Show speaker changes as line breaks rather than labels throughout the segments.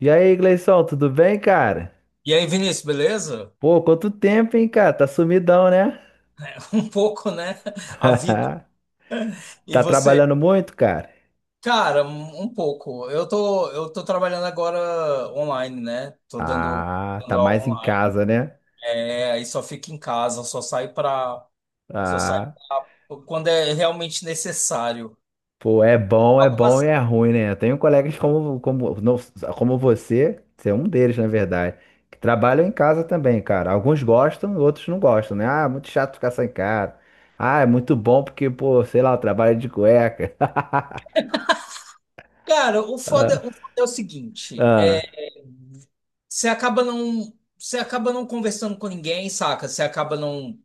E aí, Gleison, tudo bem, cara?
E aí, Vinícius, beleza?
Pô, quanto tempo, hein, cara? Tá sumidão, né?
Um pouco, né? A vida. E
Tá
você?
trabalhando muito, cara?
Cara, um pouco. Eu tô trabalhando agora online, né? Tô dando,
Ah, tá
dando aula
mais em
online.
casa, né?
É, aí só fico em casa, só saio pra, só saio
Ah,
pra, quando é realmente necessário.
pô, é bom e
Algumas.
é ruim, né? Eu tenho colegas como, não, como você é um deles, na verdade, que trabalham em casa também, cara. Alguns gostam, outros não gostam, né? Ah, muito chato ficar sem cara. Ah, é muito bom porque, pô, sei lá, eu trabalho de cueca.
Cara, o foda,
Ah,
o foda é o seguinte, é,
ah,
você acaba não conversando com ninguém, saca? Você acaba não,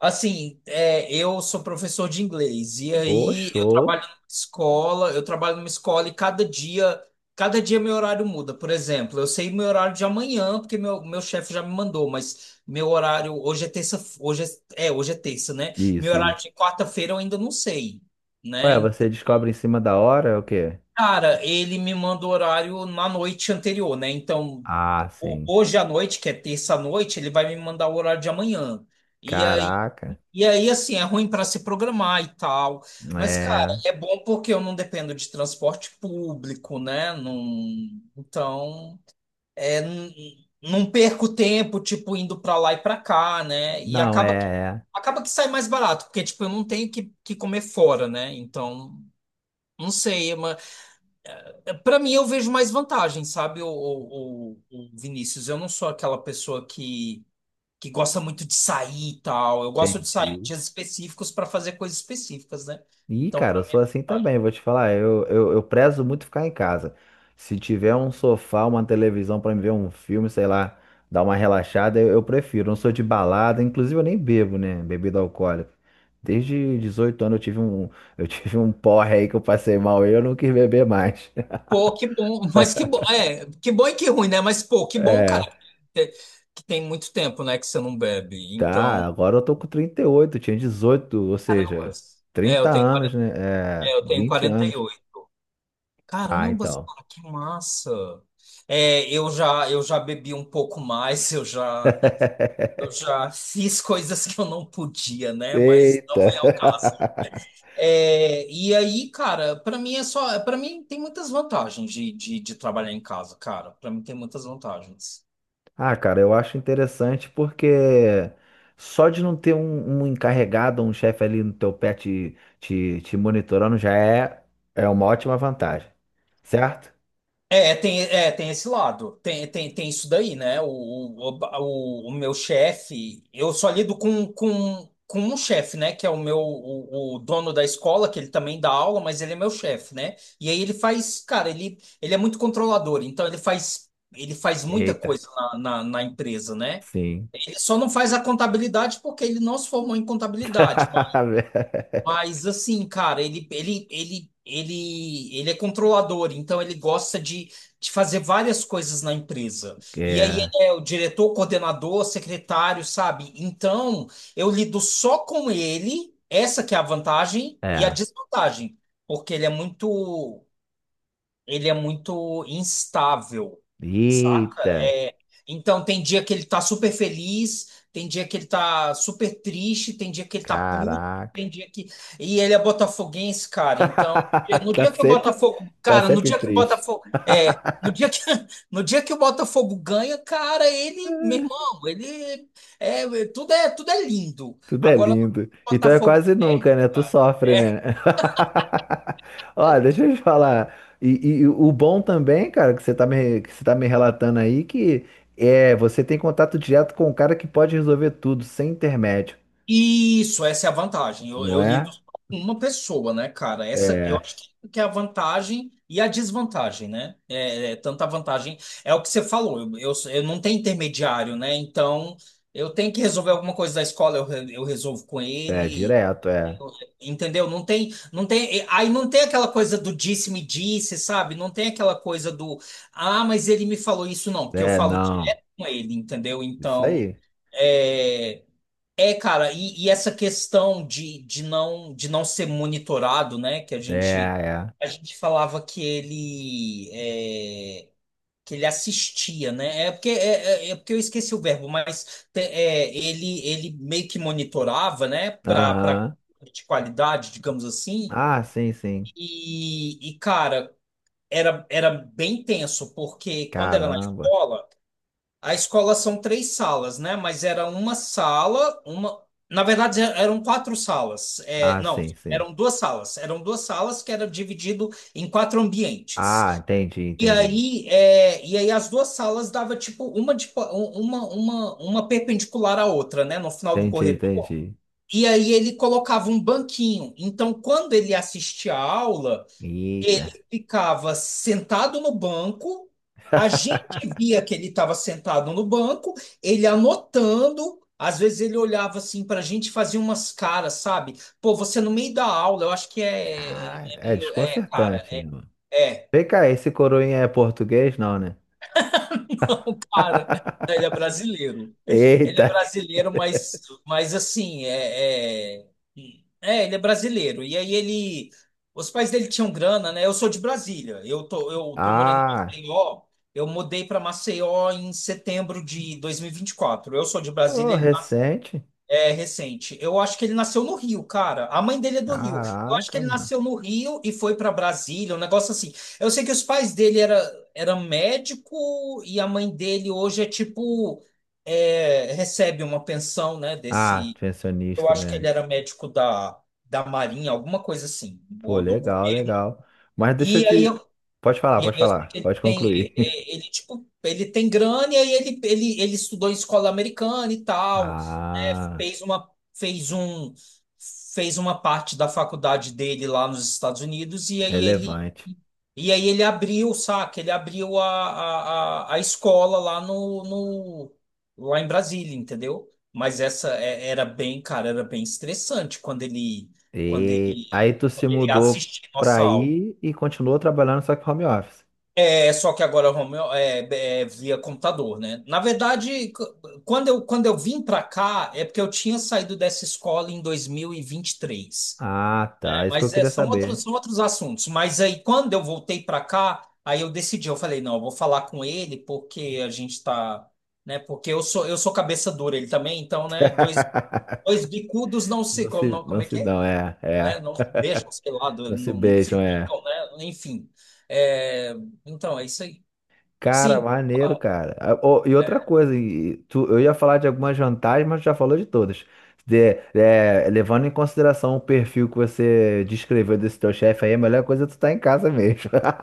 assim, é, eu sou professor de inglês e
pô,
aí eu
show.
trabalho numa escola, e cada dia, meu horário muda. Por exemplo, eu sei meu horário de amanhã porque meu chefe já me mandou, mas meu horário hoje é terça, hoje é terça, né? Meu
Isso,
horário
isso.
de quarta-feira eu ainda não sei.
Ué,
Né?
você descobre em cima da hora é o quê?
Cara, ele me manda o horário na noite anterior, né? Então,
Ah, sim.
hoje à noite, que é terça à noite, ele vai me mandar o horário de amanhã. E aí,
Caraca.
assim, é ruim para se programar e tal. Mas, cara,
É.
é bom porque eu não dependo de transporte público, né? Então, é, não perco tempo, tipo, indo para lá e para cá, né? E
Não, é, é.
acaba que sai mais barato, porque, tipo, eu não tenho que comer fora, né? Então, não sei, para mim, eu vejo mais vantagem, sabe, o Vinícius. Eu não sou aquela pessoa que gosta muito de sair e tal. Eu gosto de sair em
Entendi.
dias específicos para fazer coisas específicas, né?
Ih,
Então,
cara,
para
eu
mim, é
sou assim
vantagem.
também, vou te falar. Eu prezo muito ficar em casa. Se tiver um sofá, uma televisão pra me ver um filme, sei lá, dar uma relaxada, eu prefiro. Não sou de balada, inclusive eu nem bebo, né? Bebida alcoólica. Desde 18 anos eu tive um, eu tive um porre aí que eu passei mal e eu não quis beber mais.
Pô, que bom, mas que bom, é, que bom e que ruim, né? Mas, pô, que bom, cara,
É.
que, que tem muito tempo, né, que você não bebe. Então,
Tá, agora eu tô com 38, tinha 18 ou
caramba,
seja,
é,
30
eu tenho
anos,
40,
né?
é,
É,
eu tenho
20
quarenta e
anos.
oito
Ah,
Caramba,
então.
cara, que massa. É, eu já bebi um pouco mais, eu já. Eu já fiz coisas que eu não podia, né? Mas
Eita!
não é o caso. É, e aí, cara, pra mim é só, para mim tem muitas vantagens de trabalhar em casa, cara. Pra mim tem muitas vantagens.
Ah, cara, eu acho interessante porque só de não ter um encarregado, um chefe ali no teu pé te monitorando já é uma ótima vantagem, certo?
É, é, tem esse lado, tem isso daí, né? O meu chefe, eu só lido com um chefe, né? Que é o meu, o dono da escola, que ele também dá aula, mas ele é meu chefe, né? E aí ele faz, cara, ele é muito controlador, então ele faz muita
Eita,
coisa na empresa, né?
sim.
Ele só não faz a contabilidade porque ele não se formou em contabilidade, mas assim, cara, ele é controlador, então ele gosta de fazer várias coisas na empresa. E aí
É,
ele é o diretor, coordenador, secretário, sabe? Então eu lido só com ele, essa que é a vantagem e a
é.
desvantagem, porque ele é muito instável, saca?
Eita,
É, então tem dia que ele tá super feliz, tem dia que ele tá super triste, tem dia que ele tá puto, tem
caraca.
dia que. E ele é botafoguense, cara. Então, é, no
Tá
dia que o
sempre,
Botafogo.
tá
Cara, no
sempre
dia que o
triste.
Botafogo. É. No dia que, no dia que o Botafogo ganha, cara, ele, meu irmão, ele é, tudo é lindo.
Tudo é
Agora,
lindo.
o
Então é
Botafogo
quase
perde,
nunca, né? Tu
cara.
sofre, né? Olha, deixa eu te falar. E o bom também, cara, que você tá me relatando aí, que é, você tem contato direto com o cara que pode resolver tudo, sem intermédio,
Isso, essa é a vantagem. Eu,
não
eu lido
é?
só com uma pessoa, né, cara? Essa eu
É,
acho que é a vantagem e a desvantagem, né? É, é, tanta vantagem. É o que você falou, eu não tenho intermediário, né? Então eu tenho que resolver alguma coisa da escola, eu resolvo com
é
ele.
direto, é.
eu- Entendeu? Aí não tem aquela coisa do disse-me disse, sabe? Não tem aquela coisa do, ah, mas ele me falou isso, não, porque eu
É,
falo
não.
direto com ele, entendeu?
Isso
Então.
aí.
É, é, cara, e essa questão de não ser monitorado, né? Que a gente
É, é.
a gente falava que ele é, que ele assistia, né? É porque é, é porque eu esqueci o verbo, mas é, ele meio que monitorava, né? Para
Aham.
de qualidade, digamos assim.
Ah, sim, sim.
E cara, era bem tenso porque quando era na
Caramba.
escola a escola são três salas, né? Mas era uma sala, uma. Na verdade, eram quatro salas. É,
Ah,
não,
sim, sim.
eram duas salas. Eram duas salas que eram dividido em quatro
Ah,
ambientes.
entendi,
E
entendi.
aí, é, e aí as duas salas dava tipo uma, uma perpendicular à outra, né? No final do
Entendi,
corredor.
entendi.
E aí ele colocava um banquinho. Então, quando ele assistia a aula
Eita.
ele ficava sentado no banco, a gente via que ele estava sentado no banco, ele anotando, às vezes ele olhava assim para a gente e fazia umas caras, sabe? Pô, você no meio da aula, eu acho que é, é
Caralho, é
meio. É, cara,
desconcertante, né,
é.
mano?
É.
Vem cá, esse coroinha é português, não, né?
Não, cara. Ele é brasileiro. Ele é
Eita.
brasileiro, mas, assim, é, é... É, ele é brasileiro. E aí ele... Os pais dele tinham grana, né? Eu sou de Brasília. Eu tô morando em
Ah,
Maceió. Eu mudei para Maceió em setembro de dois mil e vinte e quatro. Eu sou de Brasília,
ô,
ele
recente.
é recente. Eu acho que ele nasceu no Rio, cara. A mãe dele é do Rio. Eu acho que
Caraca,
ele
mano.
nasceu no Rio e foi para Brasília, um negócio assim. Eu sei que os pais dele era, médico e a mãe dele hoje é tipo é, recebe uma pensão, né?
Ah,
Desse. Eu
pensionista,
acho que
né?
ele era médico da Marinha, alguma coisa assim,
Pô,
ou do
legal,
governo.
legal. Mas deixa eu
E aí
te.
eu,
Pode falar,
e aí
pode
eu sei que
falar.
ele
Pode
tem
concluir.
ele, tipo ele tem grana e aí ele, ele estudou em escola americana e tal.
Ah,
fez uma fez um Fez uma parte da faculdade dele lá nos Estados Unidos
relevante.
e aí ele abriu, saca? Ele abriu a escola lá no, no lá em Brasília, entendeu? Mas essa era bem, cara, era bem estressante quando ele quando
E
ele
aí tu se
quando ele
mudou
assistia
pra
nossa aula.
aí e continuou trabalhando só que home office.
É só que agora Romeu é, via computador, né? Na verdade, c- quando eu vim para cá, é porque eu tinha saído dessa escola em 2023.
Ah, tá. É
É,
isso que eu
mas é,
queria saber.
são outros assuntos. Mas aí, quando eu voltei para cá, aí eu decidi, eu falei, não, eu vou falar com ele porque a gente tá, né? Porque eu sou cabeça dura, ele também, então, né? Dois, dois bicudos não se, como, não,
Não
como é
se
que é?
dão, é,
Né?
é.
Não se beijam, sei lá,
Não se
não, não se
beijam, é.
picam, né? Enfim. É, então, é isso aí.
Cara,
Sim,
maneiro,
ah,
cara. Ah, ô, e outra coisa, e tu, eu ia falar de algumas vantagens, mas tu já falou de todas. É, levando em consideração o perfil que você descreveu desse teu chefe aí, a melhor coisa é tu estar em casa mesmo.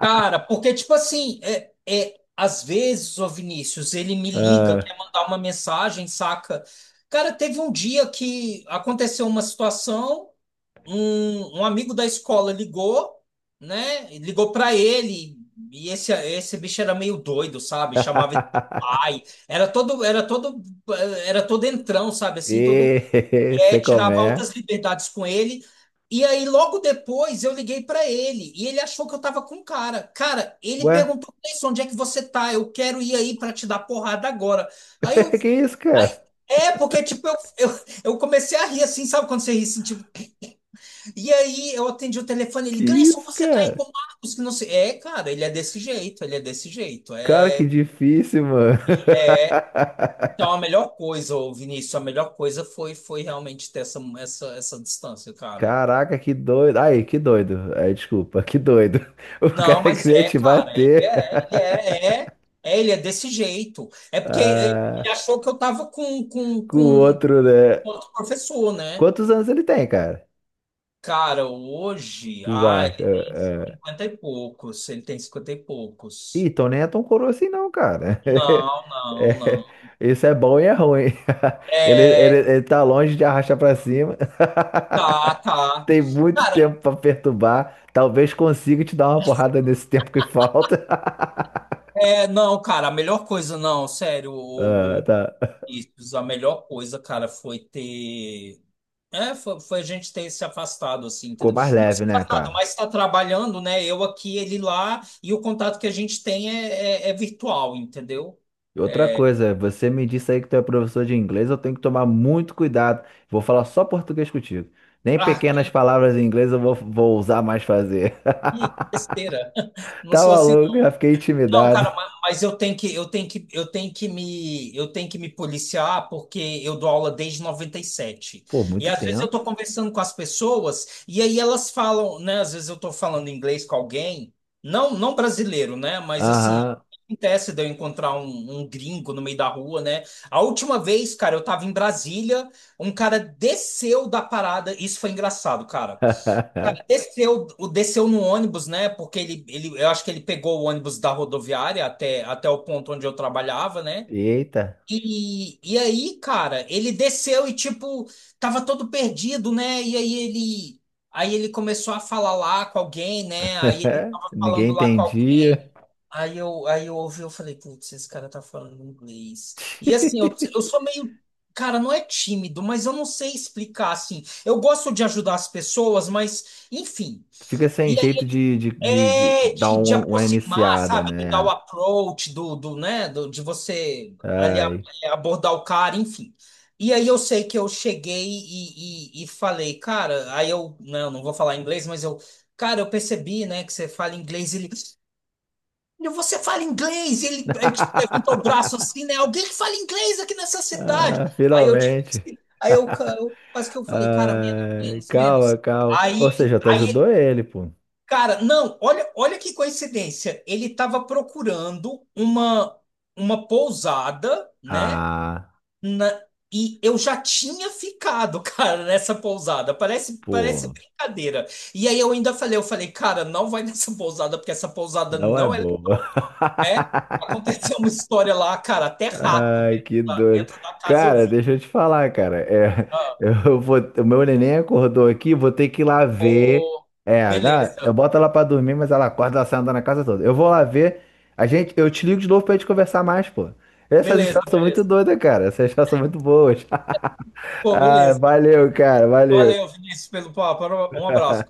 cara, porque, tipo assim, é, às vezes, o Vinícius, ele me liga,
Ah.
quer mandar uma mensagem, saca? Cara, teve um dia que aconteceu uma situação, um amigo da escola ligou, né? Ligou pra ele, e esse bicho era meio doido, sabe? Chamava ele de pai, era todo entrão, sabe? Assim, todo.
E
É,
sei como
tirava altas
é.
liberdades com ele. E aí, logo depois, eu liguei pra ele e ele achou que eu tava com o cara. Cara, ele
Ué?
perguntou: "Cleison, onde é que você tá? Eu quero ir aí pra te dar porrada agora." Aí eu.
Que isso, cara?
É, porque, tipo, eu comecei a rir assim, sabe quando você ri assim, tipo. E aí eu atendi o telefone,
Que
ele, Gleison,
isso,
você tá aí com
cara?
o Marcos, que não sei. É, cara, ele é desse jeito, ele é desse jeito.
Cara, que
É,
difícil, mano.
então a melhor coisa, ô, Vinícius, a melhor coisa foi realmente ter essa distância, cara.
Caraca, que doido. Aí, que doido. Ai, desculpa, que doido. O
Não,
cara
mas
queria
é,
te
cara, ele
bater.
é, ele é, é, é, ele é desse jeito. É porque ele
Ah,
achou que eu tava com, com,
com o
com
outro, né?
outro professor, né?
Quantos anos ele tem, cara?
Cara, hoje,
Tu
ah, ele
acha?
tem
Ah, ah.
50 e poucos, ele tem 50 e
Ih,
poucos.
então nem é tão coroa assim, não, cara.
Não, não, não.
É, isso é bom e é ruim. Ele, ele,
É,
ele tá longe de arrastar pra cima.
tá, tá.
Tem muito
Cara,
tempo pra perturbar. Talvez consiga te dar uma porrada nesse tempo que falta.
é, não, cara, a melhor coisa, não, sério,
Ah, tá.
isso, a melhor coisa, cara, foi ter. É, foi a gente ter se afastado, assim,
Ficou
entendeu?
mais
Não se
leve, né,
afastado,
cara?
mas está trabalhando, né? Eu aqui, ele lá, e o contato que a gente tem é, é virtual, entendeu?
E outra coisa, você me disse aí que tu é professor de inglês, eu tenho que tomar muito cuidado. Vou falar só português contigo. Nem
Ah,
pequenas palavras em inglês eu vou usar mais fazer.
que besteira. Não
Tá
sou assim.
maluco? Já fiquei
Não,
intimidado.
cara, mas eu tenho que, eu tenho que, eu tenho que me, eu tenho que me policiar porque eu dou aula desde 97. E
Pô,
sete. E
muito
às vezes eu
tempo.
tô conversando com as pessoas e aí elas falam, né, às vezes eu tô falando inglês com alguém, não, não brasileiro, né, mas assim,
Aham.
acontece de eu encontrar um gringo no meio da rua, né? A última vez, cara, eu tava em Brasília, um cara desceu da parada, isso foi engraçado, cara. Desceu no ônibus, né? Porque eu acho que ele pegou o ônibus da rodoviária até o ponto onde eu trabalhava, né?
Eita.
E aí, cara, ele desceu e, tipo, tava todo perdido, né? Aí ele começou a falar lá com alguém, né? Aí ele tava
Ninguém
falando lá com alguém.
entendia.
Aí eu ouvi, eu falei, putz, esse cara tá falando inglês. E assim, eu sou meio, cara, não é tímido, mas eu não sei explicar, assim. Eu gosto de ajudar as pessoas, mas, enfim.
Tu fica sem jeito de
É,
dar
de
uma
aproximar,
iniciada,
sabe? De dar o
né?
approach, do, né? Do, de você ali
Ai.
abordar o cara, enfim. E aí eu sei que eu cheguei e falei, cara, aí eu, né, eu não vou falar inglês, mas eu, cara, eu percebi, né, que você fala inglês, ele, "Meu, você fala inglês?" E ele tipo, levantou o braço assim, né, alguém que fala inglês aqui nessa cidade.
Ah,
Aí eu, tipo,
finalmente.
assim, aí eu, eu quase que eu falei, cara, menos,
Ai,
menos,
calma,
menos.
calma. Ou seja, tu
Aí
ajudou ele, pô.
Cara, não, olha, olha que coincidência. Ele estava procurando uma pousada, né?
Ah,
na- e eu já tinha ficado, cara, nessa pousada. Parece
pô,
brincadeira. E aí eu ainda falei, eu falei, cara, não vai nessa pousada porque essa pousada
não é
não é
boa.
legal, né? Aconteceu uma história lá, cara, até rato
Ai,
dentro
que doido.
dentro da casa eu
Cara,
vi.
deixa eu te falar, cara. É,
Ah,
eu vou, o meu neném acordou aqui, vou ter que ir lá ver.
pô,
É, eu
beleza,
boto ela pra dormir, mas ela acorda, ela sai andando na casa toda. Eu vou lá ver. Eu te ligo de novo pra gente conversar mais, pô. Essas
beleza,
histórias são muito
beleza.
doidas, cara. Essas histórias são muito boas.
Pô,
Ai,
beleza.
valeu, cara.
Valeu,
Valeu.
Vinícius, pelo papo. Um abraço.